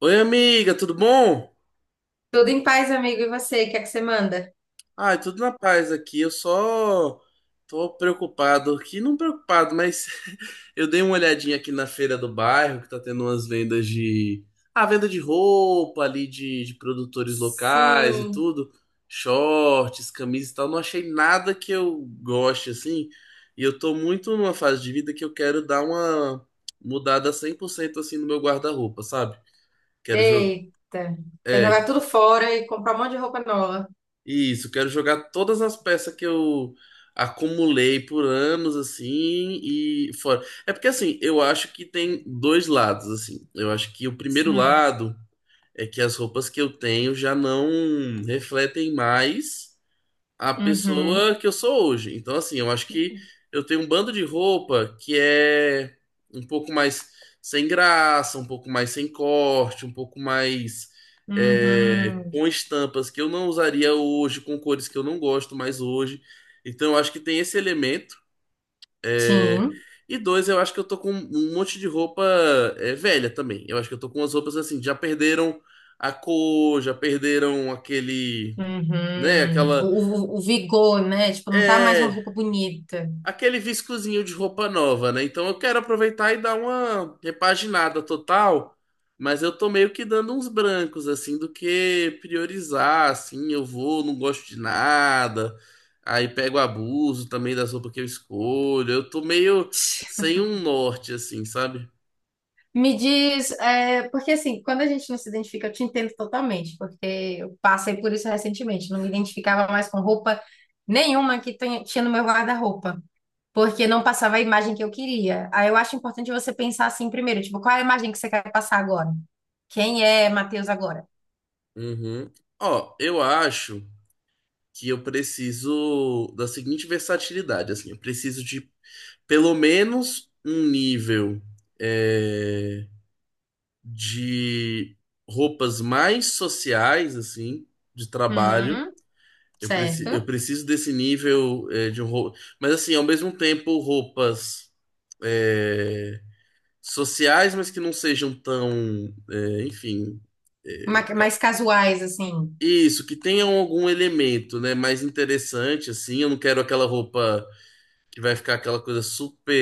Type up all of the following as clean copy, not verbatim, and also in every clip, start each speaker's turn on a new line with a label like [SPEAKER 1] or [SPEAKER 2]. [SPEAKER 1] Oi, amiga, tudo bom?
[SPEAKER 2] Tudo em paz, amigo. E você, o que é que você manda?
[SPEAKER 1] Ai, tudo na paz aqui. Eu só tô preocupado aqui, não preocupado, mas eu dei uma olhadinha aqui na feira do bairro, que tá tendo umas vendas de. Ah, venda de roupa ali, de produtores locais e
[SPEAKER 2] Sim.
[SPEAKER 1] tudo. Shorts, camisas e tal. Não achei nada que eu goste, assim. E eu tô muito numa fase de vida que eu quero dar uma mudada 100% assim no meu guarda-roupa, sabe? Quero jogar.
[SPEAKER 2] Eita. Quer jogar tudo fora e comprar um monte de roupa nova.
[SPEAKER 1] Isso, quero jogar todas as peças que eu acumulei por anos, assim, e fora. É porque, assim, eu acho que tem dois lados, assim. Eu acho que o primeiro
[SPEAKER 2] Sim.
[SPEAKER 1] lado é que as roupas que eu tenho já não refletem mais a
[SPEAKER 2] Uhum.
[SPEAKER 1] pessoa que eu sou hoje. Então, assim, eu acho que eu tenho um bando de roupa que é um pouco mais sem graça, um pouco mais sem corte, um pouco mais
[SPEAKER 2] Uhum.
[SPEAKER 1] com estampas que eu não usaria hoje, com cores que eu não gosto mais hoje. Então, eu acho que tem esse elemento. é,
[SPEAKER 2] Sim.
[SPEAKER 1] E dois, eu acho que eu tô com um monte de roupa velha também. Eu acho que eu tô com umas roupas assim, já perderam a cor, já perderam aquele, né,
[SPEAKER 2] Uhum.
[SPEAKER 1] aquela.
[SPEAKER 2] O vigor, né? Tipo, não tá mais uma
[SPEAKER 1] É,
[SPEAKER 2] roupa bonita.
[SPEAKER 1] aquele viscozinho de roupa nova, né? Então eu quero aproveitar e dar uma repaginada total, mas eu tô meio que dando uns brancos, assim, do que priorizar, assim, eu vou, não gosto de nada, aí pego abuso também das roupas que eu escolho, eu tô meio sem um norte, assim, sabe?
[SPEAKER 2] Me diz, é, porque assim, quando a gente não se identifica, eu te entendo totalmente, porque eu passei por isso recentemente. Não me identificava mais com roupa nenhuma que tinha no meu guarda-roupa, porque não passava a imagem que eu queria. Aí eu acho importante você pensar assim primeiro, tipo, qual é a imagem que você quer passar agora? Quem é Matheus agora?
[SPEAKER 1] Uhum. Ó, eu acho que eu preciso da seguinte versatilidade, assim, eu preciso de pelo menos um nível. é, de roupas mais sociais, assim, de trabalho.
[SPEAKER 2] Hum,
[SPEAKER 1] Eu
[SPEAKER 2] certo.
[SPEAKER 1] preciso desse nível de roupa. Mas, assim, ao mesmo tempo, roupas é, sociais, mas que não sejam tão, é, enfim. é, ca-
[SPEAKER 2] Mais casuais, assim.
[SPEAKER 1] isso, que tenham algum elemento, né, mais interessante, assim. Eu não quero aquela roupa que vai ficar aquela coisa super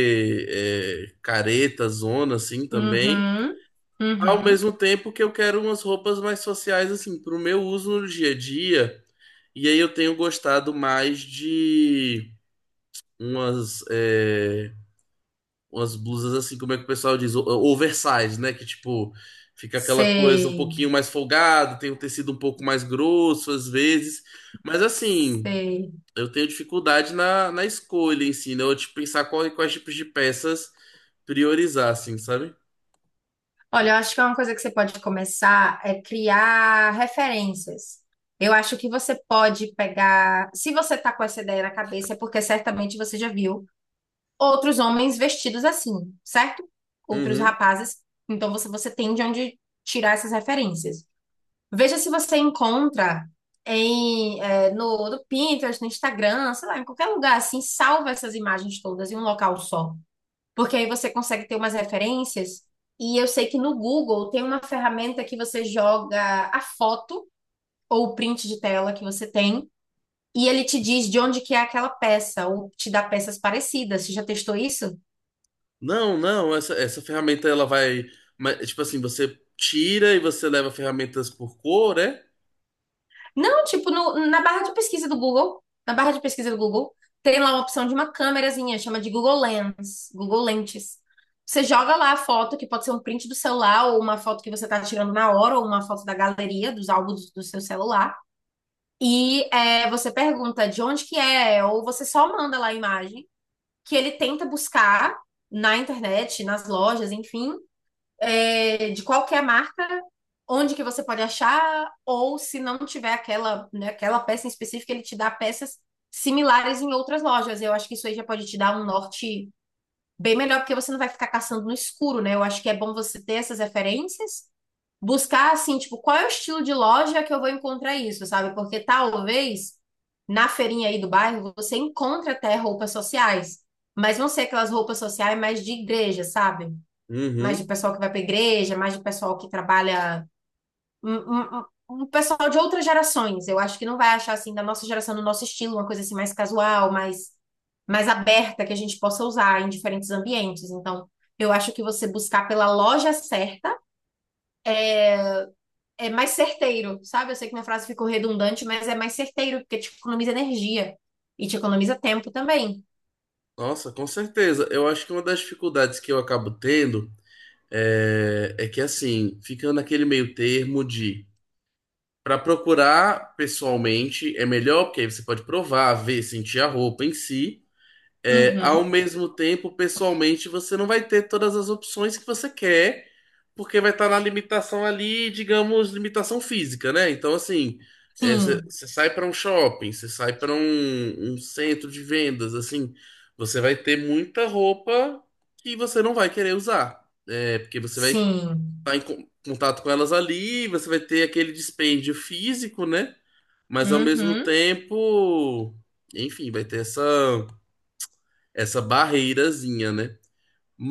[SPEAKER 1] careta, zona, assim, também.
[SPEAKER 2] Uhum,
[SPEAKER 1] Ao
[SPEAKER 2] uhum.
[SPEAKER 1] mesmo tempo que eu quero umas roupas mais sociais, assim, pro meu uso no dia a dia. E aí eu tenho gostado mais de umas, umas blusas, assim, como é que o pessoal diz? Oversize, né? Que, tipo, fica aquela coisa um
[SPEAKER 2] Sei,
[SPEAKER 1] pouquinho mais folgada, tem um tecido um pouco mais grosso, às vezes. Mas, assim,
[SPEAKER 2] sei.
[SPEAKER 1] eu tenho dificuldade na escolha em si, né? Eu, tipo, pensar quais tipos de peças priorizar, assim, sabe?
[SPEAKER 2] Olha, eu acho que uma coisa que você pode começar é criar referências. Eu acho que você pode pegar. Se você tá com essa ideia na cabeça, é porque certamente você já viu outros homens vestidos assim, certo? Outros
[SPEAKER 1] Uhum.
[SPEAKER 2] rapazes. Então você tem de onde tirar essas referências. Veja se você encontra em, no Pinterest, no Instagram, sei lá, em qualquer lugar assim, salva essas imagens todas em um local só. Porque aí você consegue ter umas referências. E eu sei que no Google tem uma ferramenta que você joga a foto ou o print de tela que você tem, e ele te diz de onde que é aquela peça, ou te dá peças parecidas. Você já testou isso?
[SPEAKER 1] Não, não, essa ferramenta ela vai. Tipo assim, você tira e você leva ferramentas por cor, é?
[SPEAKER 2] Não, tipo, na barra de pesquisa do Google, na barra de pesquisa do Google, tem lá uma opção de uma câmerazinha, chama de Google Lens, Google Lentes. Você joga lá a foto, que pode ser um print do celular, ou uma foto que você tá tirando na hora, ou uma foto da galeria, dos álbuns do seu celular. E é, você pergunta de onde que é, ou você só manda lá a imagem, que ele tenta buscar na internet, nas lojas, enfim, é, de qualquer marca, onde que você pode achar, ou se não tiver aquela, né, aquela peça em específico, ele te dá peças similares em outras lojas. Eu acho que isso aí já pode te dar um norte bem melhor, porque você não vai ficar caçando no escuro, né? Eu acho que é bom você ter essas referências, buscar assim, tipo, qual é o estilo de loja que eu vou encontrar isso, sabe? Porque talvez na feirinha aí do bairro você encontra até roupas sociais, mas não ser aquelas roupas sociais mais de igreja, sabe? Mais de
[SPEAKER 1] Uhum.
[SPEAKER 2] pessoal que vai para a igreja, mais de pessoal que trabalha. Um, um, um um pessoal de outras gerações. Eu acho que não vai achar assim, da nossa geração, do nosso estilo, uma coisa assim mais casual, mais, mais aberta, que a gente possa usar em diferentes ambientes. Então, eu acho que você buscar pela loja certa é mais certeiro, sabe? Eu sei que minha frase ficou redundante, mas é mais certeiro, porque te economiza energia e te economiza tempo também.
[SPEAKER 1] Nossa, com certeza. Eu acho que uma das dificuldades que eu acabo tendo é que assim, fica naquele meio termo de para procurar pessoalmente é melhor, porque aí você pode provar, ver, sentir a roupa em si. É, ao
[SPEAKER 2] Uhum.
[SPEAKER 1] mesmo tempo, pessoalmente, você não vai ter todas as opções que você quer, porque vai estar na limitação ali, digamos, limitação física, né? Então, assim, você
[SPEAKER 2] Sim,
[SPEAKER 1] sai para um shopping, você sai para um centro de vendas, assim, você vai ter muita roupa que você não vai querer usar, porque você vai
[SPEAKER 2] sim.
[SPEAKER 1] estar em contato com elas ali, você vai ter aquele dispêndio físico, né? Mas ao mesmo
[SPEAKER 2] Uhum.
[SPEAKER 1] tempo, enfim, vai ter essa barreirazinha, né?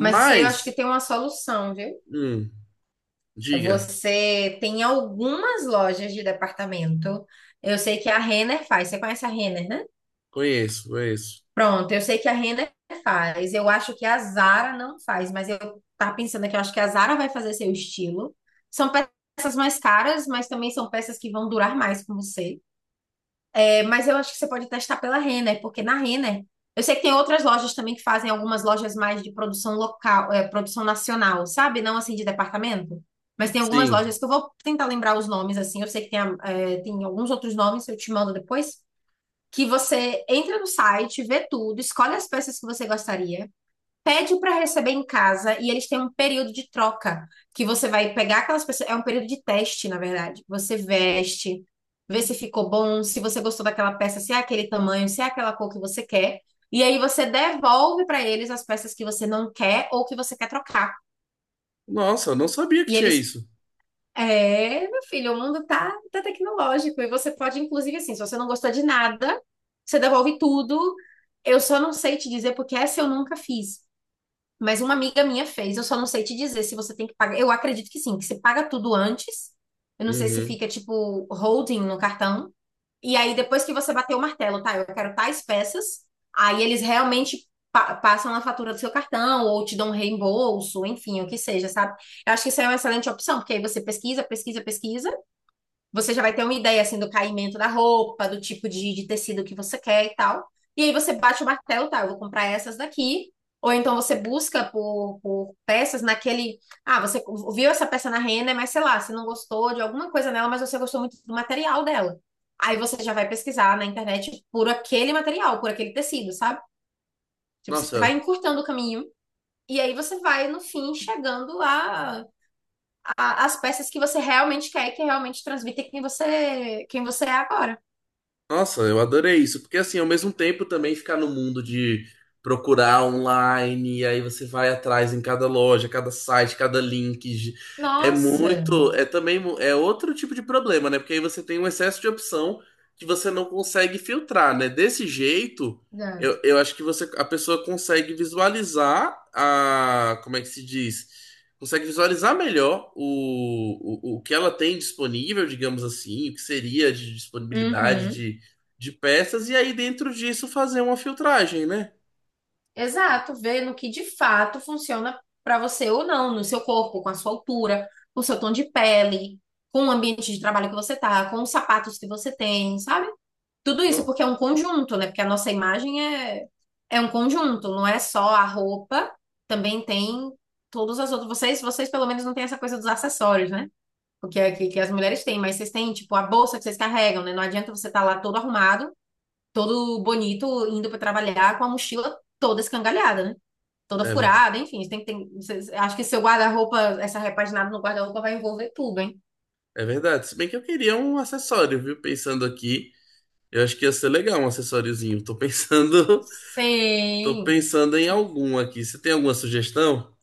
[SPEAKER 2] Mas isso aí eu acho que tem uma solução, viu?
[SPEAKER 1] hum, diga,
[SPEAKER 2] Você tem algumas lojas de departamento. Eu sei que a Renner faz. Você conhece a Renner, né?
[SPEAKER 1] conheço, conheço.
[SPEAKER 2] Pronto, eu sei que a Renner faz. Eu acho que a Zara não faz, mas eu tava pensando aqui, eu acho que a Zara vai fazer seu estilo. São peças mais caras, mas também são peças que vão durar mais com você. É, mas eu acho que você pode testar pela Renner, porque na Renner, eu sei que tem outras lojas também que fazem algumas lojas mais de produção local, é, produção nacional, sabe? Não assim de departamento. Mas tem algumas
[SPEAKER 1] Sim.
[SPEAKER 2] lojas que eu vou tentar lembrar os nomes, assim. Eu sei que tem, é, tem alguns outros nomes, eu te mando depois. Que você entra no site, vê tudo, escolhe as peças que você gostaria, pede para receber em casa e eles têm um período de troca que você vai pegar aquelas pessoas. É um período de teste, na verdade. Você veste, vê se ficou bom, se você gostou daquela peça, se é aquele tamanho, se é aquela cor que você quer. E aí você devolve para eles as peças que você não quer ou que você quer trocar.
[SPEAKER 1] Nossa, eu não sabia que
[SPEAKER 2] E
[SPEAKER 1] tinha
[SPEAKER 2] eles.
[SPEAKER 1] isso.
[SPEAKER 2] É, meu filho, o mundo tá tecnológico e você pode, inclusive, assim, se você não gostou de nada, você devolve tudo. Eu só não sei te dizer porque essa eu nunca fiz. Mas uma amiga minha fez, eu só não sei te dizer se você tem que pagar. Eu acredito que sim, que você paga tudo antes. Eu não sei se
[SPEAKER 1] Uhum.
[SPEAKER 2] fica tipo holding no cartão. E aí depois que você bater o martelo, tá? Eu quero tais peças. Aí eles realmente passam a fatura do seu cartão ou te dão um reembolso, enfim, o que seja, sabe? Eu acho que isso é uma excelente opção, porque aí você pesquisa, você já vai ter uma ideia assim do caimento da roupa, do tipo de tecido que você quer e tal. E aí você bate o martelo, tá? Eu vou comprar essas daqui. Ou então você busca por peças naquele. Ah, você viu essa peça na Renner, mas sei lá, você não gostou de alguma coisa nela, mas você gostou muito do material dela. Aí você já vai pesquisar na internet por aquele material, por aquele tecido, sabe? Tipo, você vai
[SPEAKER 1] Nossa,
[SPEAKER 2] encurtando o caminho. E aí você vai, no fim, chegando a as peças que você realmente quer e que realmente transmitem quem você é agora.
[SPEAKER 1] Nossa, eu adorei isso, porque assim, ao mesmo tempo também ficar no mundo de procurar online, e aí você vai atrás em cada loja, cada site, cada link. É
[SPEAKER 2] Nossa,
[SPEAKER 1] muito, é também é outro tipo de problema, né? Porque aí você tem um excesso de opção que você não consegue filtrar, né? Desse jeito, eu,
[SPEAKER 2] exato.
[SPEAKER 1] eu acho que você a pessoa consegue visualizar a, como é que se diz? Consegue visualizar melhor o que ela tem disponível, digamos assim, o que seria de disponibilidade
[SPEAKER 2] Uhum.
[SPEAKER 1] de peças e aí dentro disso fazer uma filtragem, né?
[SPEAKER 2] Exato, ver no que de fato funciona para você ou não, no seu corpo, com a sua altura, com o seu tom de pele, com o ambiente de trabalho que você tá, com os sapatos que você tem, sabe? Tudo isso
[SPEAKER 1] Não,
[SPEAKER 2] porque é um conjunto, né? Porque a nossa imagem é é um conjunto, não é só a roupa, também tem todas as outras. Vocês pelo menos não têm essa coisa dos acessórios, né? O que, que as mulheres têm, mas vocês têm, tipo, a bolsa que vocês carregam, né? Não adianta você estar lá todo arrumado, todo bonito, indo para trabalhar com a mochila toda escangalhada, né? Toda
[SPEAKER 1] é,
[SPEAKER 2] furada, enfim. Tem, que tem, vocês- acho que seu guarda-roupa, essa repaginada no guarda-roupa vai envolver tudo, hein?
[SPEAKER 1] é verdade. Se bem que eu queria um acessório, viu? Pensando aqui, eu acho que ia ser legal um acessóriozinho. Tô pensando, tô
[SPEAKER 2] Sim.
[SPEAKER 1] pensando em algum aqui. Você tem alguma sugestão?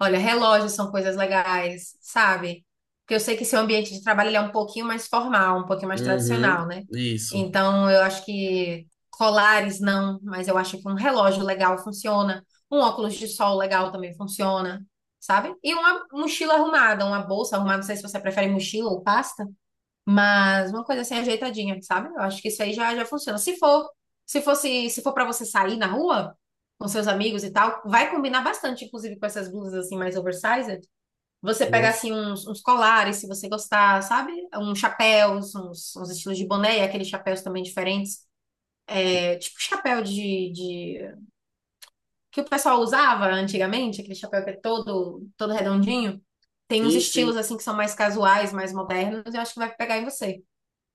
[SPEAKER 2] Olha, relógios são coisas legais, sabe? Porque eu sei que seu ambiente de trabalho ele é um pouquinho mais formal, um pouquinho mais tradicional,
[SPEAKER 1] Uhum,
[SPEAKER 2] né?
[SPEAKER 1] isso.
[SPEAKER 2] Então, eu acho que colares não, mas eu acho que um relógio legal funciona, um óculos de sol legal também funciona, sabe? E uma mochila arrumada, uma bolsa arrumada, não sei se você prefere mochila ou pasta. Mas uma coisa assim ajeitadinha, sabe? Eu acho que isso aí já funciona. Se for para você sair na rua com seus amigos e tal, vai combinar bastante, inclusive com essas blusas assim mais oversized. Você pega
[SPEAKER 1] Nossa.
[SPEAKER 2] assim uns colares, se você gostar, sabe? Uns chapéus, uns estilos de boné, e aqueles chapéus também diferentes. É, tipo chapéu de que o pessoal usava antigamente, aquele chapéu que é todo redondinho. Tem uns
[SPEAKER 1] Sim,
[SPEAKER 2] estilos
[SPEAKER 1] sim.
[SPEAKER 2] assim que são mais casuais, mais modernos, eu acho que vai pegar em você.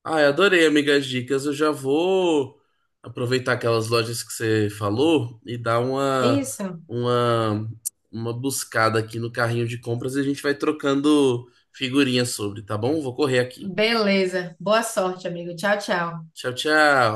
[SPEAKER 1] Ai, adorei, amigas dicas. Eu já vou aproveitar aquelas lojas que você falou e dar
[SPEAKER 2] Isso.
[SPEAKER 1] uma, uma buscada aqui no carrinho de compras e a gente vai trocando figurinhas sobre, tá bom? Vou correr aqui.
[SPEAKER 2] Beleza. Boa sorte, amigo. Tchau, tchau.
[SPEAKER 1] Tchau, tchau.